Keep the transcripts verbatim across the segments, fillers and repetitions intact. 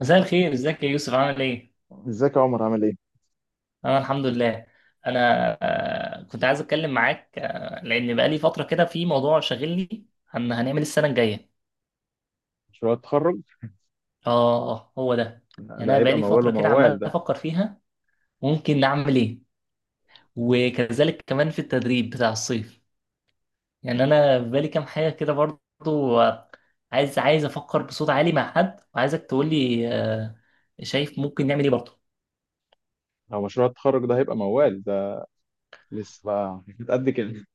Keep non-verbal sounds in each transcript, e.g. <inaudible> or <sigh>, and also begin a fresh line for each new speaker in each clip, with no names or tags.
مساء الخير. ازيك يا يوسف؟ عامل ايه؟
ازيك يا عمر، عامل ايه؟
انا الحمد لله. انا، آه، كنت عايز اتكلم معاك، آه، لان بقالي فتره كده في موضوع شاغلني. هن- هنعمل السنه الجايه.
مشروع التخرج
اه، آه، هو ده.
ده
يعني انا
هيبقى
بقالي
موال
فتره كده
وموال
عمال
ده.
افكر فيها ممكن نعمل ايه، وكذلك كمان في التدريب بتاع الصيف. يعني انا في بالي كام حاجه كده برضو، آه، عايز عايز افكر بصوت عالي مع حد، وعايزك تقول لي شايف ممكن نعمل ايه برضو.
لو مشروع التخرج ده هيبقى موال ده، لسه بقى قد كده؟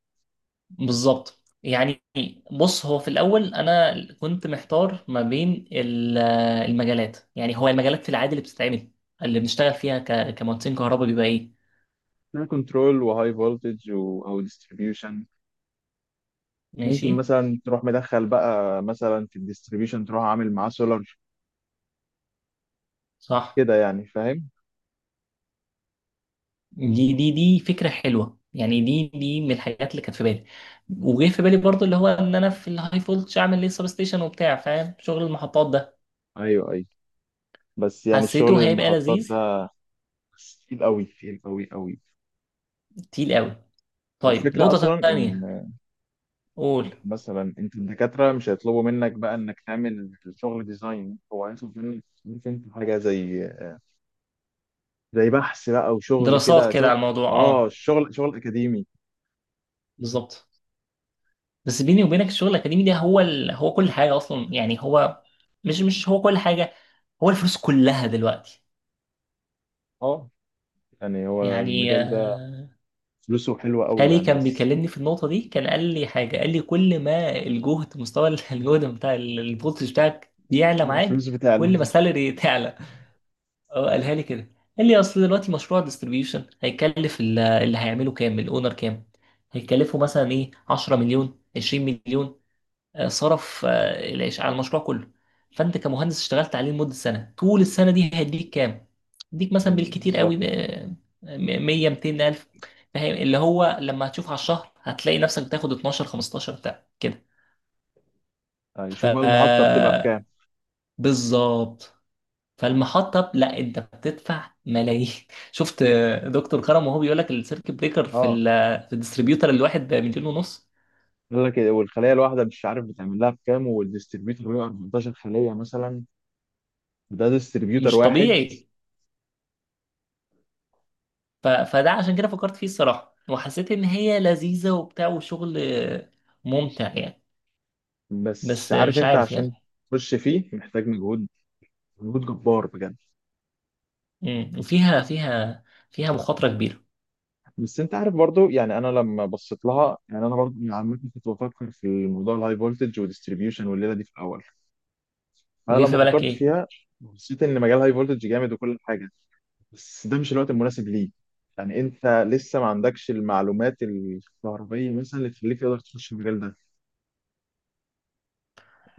بالظبط يعني. بص، هو في الاول انا كنت محتار ما بين ال- آه، المجالات. يعني هو المجالات في العادي اللي بتتعمل، اللي بنشتغل فيها ك- كمهندسين كهرباء، بيبقى ايه؟
<laughs> كنترول، وهاي فولتج، او ديستريبيوشن.
ماشي.
ممكن مثلا تروح مدخل بقى مثلا في الديستريبيوشن، تروح عامل معاه سولار
صح.
كده يعني، فاهم؟
دي دي دي فكره حلوه، يعني دي دي من الحاجات اللي كانت في بالي. وجه في بالي برضو اللي هو ان انا في الهاي فولتش اعمل ليه سبستيشن وبتاع، فاهم شغل المحطات ده.
ايوه، ايوه. بس يعني
حسيته
الشغل
هيبقى
المحطات
لذيذ.
ده تقيل قوي، تقيل قوي قوي.
تقيل قوي. طيب،
والفكره
نقطه
اصلا ان
تانيه. قول.
مثلا انت الدكاتره مش هيطلبوا منك بقى انك تعمل شغل ديزاين، هو عايز منك، عارف انت، حاجه زي زي بحث بقى، وشغل كده
دراسات كده
شغل.
على الموضوع،
اه،
اه.
شغل شغل اكاديمي.
بالظبط. بس بيني وبينك الشغل الاكاديمي ده هو ال... هو كل حاجه اصلا، يعني هو مش مش هو كل حاجه، هو الفلوس كلها دلوقتي.
اه، يعني هو
يعني،
المجال ده
آه،
فلوسه حلوة قوي
خالي
يعني،
كان
بس.
بيكلمني في النقطه دي، كان قال لي حاجه، قال لي كل ما الجهد مستوى ال- <laughs> الجهد بتاع ال- الفولتج بتاعك بيعلى معاك،
الفلوس بتعلى.
كل ما السالري تعلى. اه، قالها لي كده. قال لي اصل دلوقتي مشروع ديستريبيوشن هيكلف ال- اللي هيعمله، كام الاونر، كام هيكلفه مثلا؟ ايه، 10 مليون، 20 مليون، آه، صرف آه، العيش على المشروع كله. فانت كمهندس اشتغلت عليه لمده سنه، طول السنه دي هيديك كام؟ يديك مثلا
أمم،
بالكتير
بالظبط.
قوي ب مية، 200 الف. فاهم اللي هو لما هتشوف على الشهر هتلاقي نفسك بتاخد اتناشر، خمستاشر، بتاع كده.
يعني
ف
شوف بقى، المحطة بتبقى بكام؟
آه، بالظبط. فالمحطه لا، انت بتدفع ملايين. <laughs> شفت، آه، دكتور كرم وهو بيقول لك السيركت بريكر في
اه،
ال- في الديستريبيوتر الواحد بمليون ونص.
قال لك إيه، والخلية الواحدة مش عارف بتعمل لها بكام، والديستريبيوتر بيبقى أربعتاشر خلية مثلا. ده ديستريبيوتر
مش
واحد.
طبيعي. ف... فده عشان كده فكرت فيه الصراحة، وحسيت إن هي لذيذة وبتاع وشغل ممتع يعني.
بس
بس
عارف
مش
انت،
عارف
عشان
يعني.
تخش فيه محتاج مجهود، مجهود جبار بجد.
مم. وفيها فيها فيها مخاطرة كبيرة.
بس انت عارف برضو، يعني انا لما بصيت لها، يعني انا برضو يعني عامه كنت بفكر في الموضوع الهاي فولتج وديستريبيوشن، والليله دي في الاول. انا
وجاي
لما
في بالك
فكرت
إيه؟
فيها حسيت ان مجال هاي فولتج جامد وكل حاجه، بس ده مش الوقت المناسب ليه. يعني انت لسه ما عندكش المعلومات الكهربائيه مثلا اللي تخليك تقدر تخش المجال ده.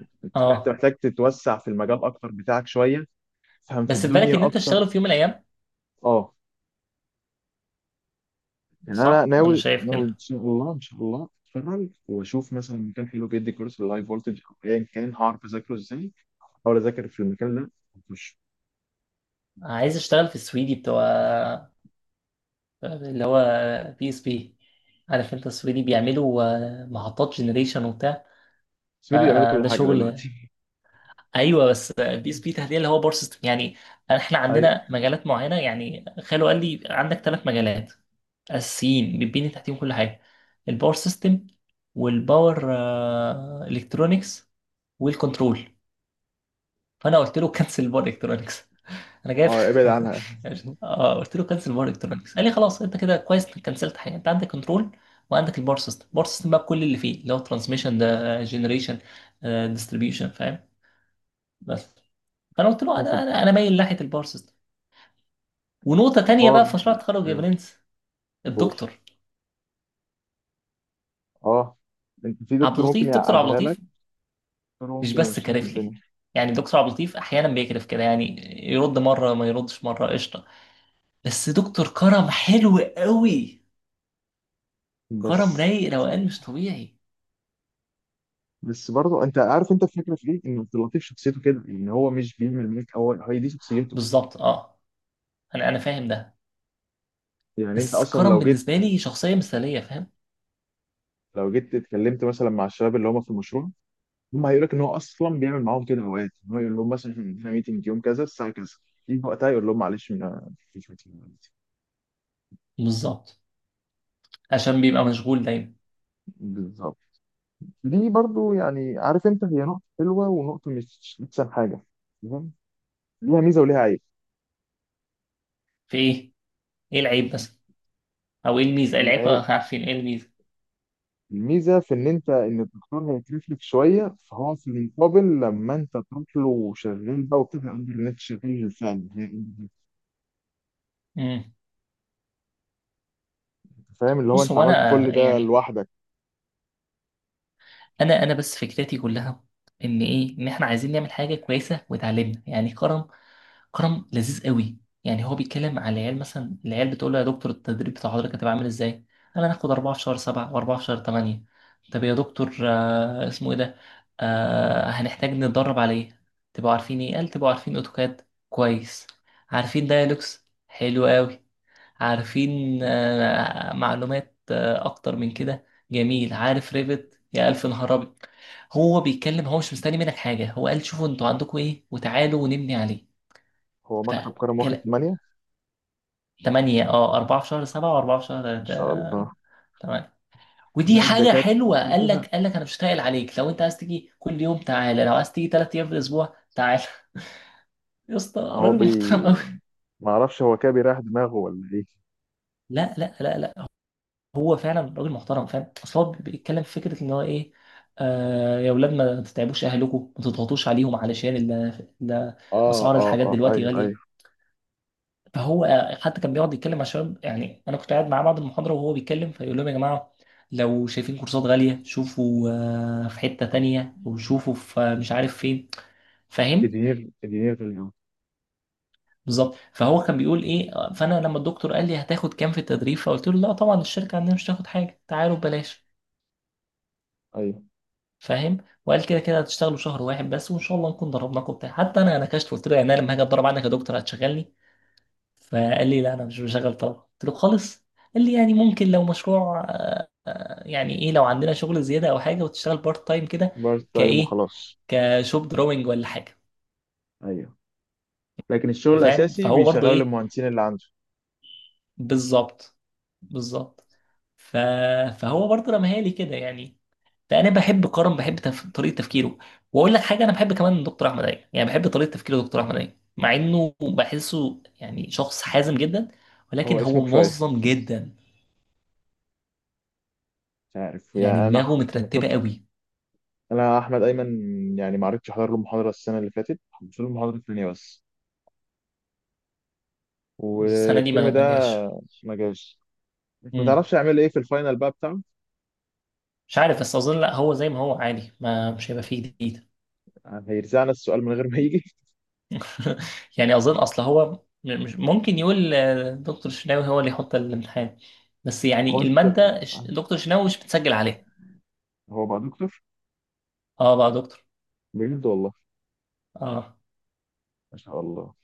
انت فاهم؟ انت
آه.
محتاج تتوسع في المجال اكتر بتاعك شويه، تفهم في
بس في بالك إن
الدنيا
أنت
اكتر.
تشتغل في يوم من الأيام؟
اه، يعني انا
صح؟ أنا
ناوي
شايف
ناوي ان
كده.
شاء الله، ان شاء الله اتفرج واشوف مثلا مكان حلو بيدي كورس اللايف فولتج او ايا كان، هعرف اذاكره ازاي. احاول اذاكر في المكان ده واخش.
عايز أشتغل في السويدي بتوع، اللي هو، بي اس بي. عارف أنت السويدي بيعملوا آه، محطات جنريشن وبتاع،
بس فيديو بيعملوا كل
فده
حاجه
شغل.
دلوقتي.
ايوه، بس البي اس بي تحديدا اللي هو باور سيستم يعني. احنا
ايوه.
عندنا مجالات معينه. يعني خالو قال لي عندك ثلاث مجالات اساسيين بتبني تحتيهم كل حاجه: الباور سيستم، والباور الكترونكس، والكنترول. فانا قلت له كنسل باور الكترونكس، انا جايب.
اه، ابعد عنها.
<laughs> اه قلت له كنسل باور الكترونكس، قال لي خلاص انت كده كويس انك كنسلت حاجه، انت عندك كنترول وعندك الباور سيستم. الباور سيستم بقى بكل اللي فيه، اللي هو ترانسميشن، ده جنريشن، ديستريبيوشن، بس. فانا قلت له
تاخد.
انا انا انا مايل ناحيه الباور سيستم. ونقطه تانية
بار.
بقى في مشروع التخرج يا
ايوه.
برنس:
كورس.
الدكتور
اه، انت في
عبد
دكتور ممكن
اللطيف. دكتور عبد
يعقدها لك،
اللطيف
دكتور
مش
ممكن
بس
يمشيلك
كارف لي،
الدنيا.
يعني دكتور عبد اللطيف احيانا بيكرف كده يعني، يرد مره، ما يردش مره، قشطه. بس دكتور كرم حلو قوي. كرم
بس
رايق، روقان مش طبيعي.
بس برضه، انت عارف انت الفكره في ايه؟ ان عبد اللطيف شخصيته كده، ان هو مش بيعمل ميك، هو هي دي شخصيته.
بالظبط، اه. انا انا فاهم ده.
يعني انت
بس
اصلا
كرم
لو جيت،
بالنسبه لي شخصيه مثاليه، فاهم.
لو جيت اتكلمت مثلا مع الشباب اللي هم في المشروع، هم هيقول لك ان هو اصلا بيعمل معاهم كده اوقات، ان هو يقول لهم مثلا احنا عندنا ميتنج يوم كذا الساعه كذا، يجي وقتها يقول لهم معلش ما فيش meeting دلوقتي.
بالظبط. عشان بيبقى مشغول دايما.
بالظبط. دي برضو يعني، عارف انت، هي نقطه حلوه ونقطه مش احسن حاجه. تمام. ليها ميزه وليها عيب.
في ايه؟ ايه العيب بس، او ايه الميزه؟ العيب،
العيب-
آه، عارفين ايه الميزه.
الميزه في ان انت، ان الدكتور هيكلف لك شويه، فهو في المقابل لما انت تروح له شغال بقى، وبتبقى قادر ان انت شغال فعلا.
مم.
فاهم؟ اللي هو
بص،
انت
هو
عملت كل
انا
ده
يعني
لوحدك.
انا انا بس فكرتي كلها ان ايه، ان احنا عايزين نعمل حاجه كويسه وتعلمنا، يعني كرم. كرم لذيذ قوي. يعني هو بيتكلم على العيال، مثلا العيال بتقول له يا دكتور التدريب بتاع حضرتك هتبقى عامل ازاي؟ انا هناخد اربعه في شهر سبعه واربعه في شهر ثمانيه. طب يا دكتور، آه اسمه ايه ده، آه هنحتاج نتدرب على ايه؟ تبقوا عارفين ايه؟ قال: تبقوا عارفين اوتوكاد، كويس. عارفين دايلوكس، حلو قوي. عارفين آه، معلومات آه، اكتر من كده، جميل. عارف ريفت؟ يا الف نهار ابيض. هو بيتكلم، هو مش مستني منك حاجه، هو قال شوفوا انتوا عندكم ايه وتعالوا ونبني عليه.
هو مكتب
ف
كرم واخد تمانية
تمانيه، اه اربعة في شهر سبعة و4 في
ان
شهر
شاء الله.
تمانيه. ودي
باقي
حاجه
الدكاترة
حلوه. قال
كلها
لك قال لك انا مش هتقل عليك، لو انت عايز تيجي كل يوم تعالى، لو عايز تيجي 3 ايام في الاسبوع تعالى. <laughs> يا اسطى،
هو
راجل
بي
محترم قوي.
ما اعرفش، هو كده بيريح دماغه، ولا ايه؟
لا لا لا لا، هو فعلا راجل محترم، فاهم اصل هو بيتكلم في فكره ان هو ايه: آه يا اولاد ما تتعبوش اهلكم، ما تضغطوش عليهم، علشان ال- ال-
اه،
اسعار
اه،
الحاجات
اه.
دلوقتي
ايوه،
غاليه.
ايوه.
فهو آه، حتى كان بيقعد يتكلم مع الشباب، يعني انا كنت قاعد معاه بعد المحاضره وهو بيتكلم، فيقول لهم: يا جماعه لو شايفين كورسات غاليه شوفوا، آه، في حته تانية وشوفوا في، آه، مش عارف فين، فاهم.
ادينير ادينير في اليوم.
بالظبط. فهو كان بيقول ايه، آه، فانا لما الدكتور قال لي هتاخد كام في التدريب، فقلت له لا طبعا الشركه عندنا مش هتاخد حاجه، تعالوا ببلاش،
ايوه،
فاهم. وقال كده كده هتشتغلوا شهر واحد بس وان شاء الله نكون ضربناكم بتاع. حتى انا نكشت قلت له يعني انا لما هاجي اتدرب عندك يا دكتور هتشغلني؟ فقال لي لا انا مش بشغل طلبه. قلت له خالص. قال لي يعني ممكن لو مشروع، آه، يعني ايه، لو عندنا شغل زياده او حاجه وتشتغل بارت تايم كده،
بارت تايم
كايه،
وخلاص.
كشوب دروينج ولا حاجه،
ايوه، لكن الشغل
فاهم.
الاساسي
فهو برضو
بيشغله
ايه.
للمهندسين اللي عنده.
بالظبط. بالظبط. ف... فهو برضو رماها لي كده يعني. فانا بحب كرم، بحب تف... طريقه تفكيره. واقول لك حاجه: انا بحب كمان دكتور احمد عيد، يعني بحب طريقه تفكيره. دكتور احمد عيد مع انه بحسه يعني شخص حازم جدا،
هو
ولكن
اسمه
هو
كفايه
منظم
<laughs> مش
جدا،
عارف.
يعني
يعني انا
دماغه
ما
مترتبه
شفت.
قوي.
انا احمد ايمن، يعني ما عرفتش احضر له المحاضره السنه اللي فاتت، حضرت له المحاضره الثانيه بس.
السنه دي
والترم
ما
ده
ما جاش.
ما جاش. ما
مم.
تعرفش يعمل ايه في الفاينل بقى بتاعه،
مش عارف، بس اظن لا، هو زي ما هو عادي، ما مش هيبقى فيه جديد.
هيرزعنا السؤال من غير ما يجي.
<laughs> يعني اظن اصل هو م- مش ممكن يقول آه، دكتور شناوي هو اللي يحط الامتحان، بس
هو
يعني
انت
الماده ش- دكتور شناوي مش بتسجل عليها.
هو بقى دكتور؟
اه بقى دكتور،
بجد والله؟
اه.
ما شاء الله.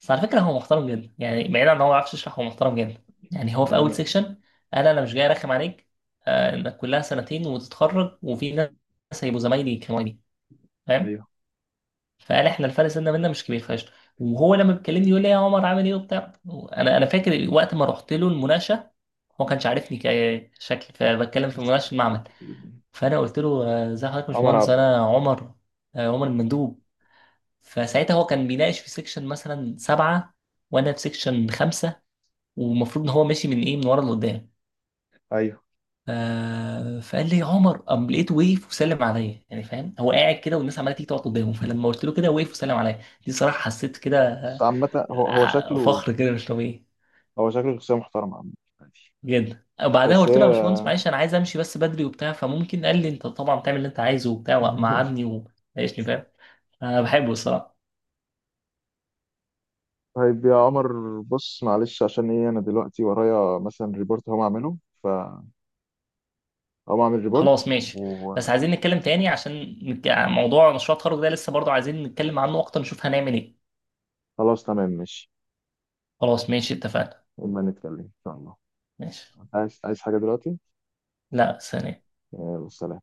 بس على فكره هو محترم جدا، يعني بعيد عن ان هو ما بيعرفش يشرح، هو محترم جدا. يعني هو في اول
يعني
سيكشن قال: انا مش جاي ارخم عليك، آه انك كلها سنتين وتتخرج وفي ناس هيبقوا زمايلي كمالي، فاهم.
ايوه.
فقال احنا الفرق سنة منا مش كبير فشخ. وهو لما بيكلمني يقول لي يا عمر عامل ايه وبتاع. انا انا فاكر وقت ما رحت له المناقشه، هو كانش عارفني كشكل، فبتكلم في مناقشه المعمل. فانا قلت له آه، ازي حضرتك يا
عمر
باشمهندس،
عبد.
انا عمر، آه، عمر المندوب. فساعتها هو كان بيناقش في سيكشن مثلا سبعه وانا في سيكشن خمسه، ومفروض ان هو ماشي من ايه، من ورا لقدام،
ايوه.
آه فقال لي يا عمر، قام لقيته وقف وسلم عليا. يعني فاهم، هو قاعد كده والناس عماله تيجي تقعد قدامه، فلما قلت له كده وقف وسلم عليا. دي صراحه حسيت كده،
بس عامة هو هو
آه،
شكله
فخر كده مش طبيعي
هو شكله شخصية محترمة عامة. عادي.
جدا. وبعدها
بس
قلت
هي
له يا باشمهندس معلش انا عايز امشي بس بدري وبتاع، فممكن؟ قال لي انت طبعا بتعمل اللي انت عايزه وبتاع،
<laughs>
وقعدني وعيشني، فاهم. انا بحبه الصراحه.
طيب يا عمر، بص معلش، عشان ايه انا دلوقتي ورايا مثلا ريبورت هقوم اعمله، فهقوم اعمل ريبورت
خلاص ماشي. بس
وخلاص.
عايزين نتكلم تاني، عشان نك- موضوع مشروع التخرج ده لسه برضه عايزين نتكلم عنه اكتر، نشوف هنعمل ايه.
تمام ماشي.
خلاص، ماشي، اتفقنا.
اما نتكلم ان شاء الله.
ماشي.
عايز عايز حاجة دلوقتي؟
لا، ثانية.
يلا، سلام.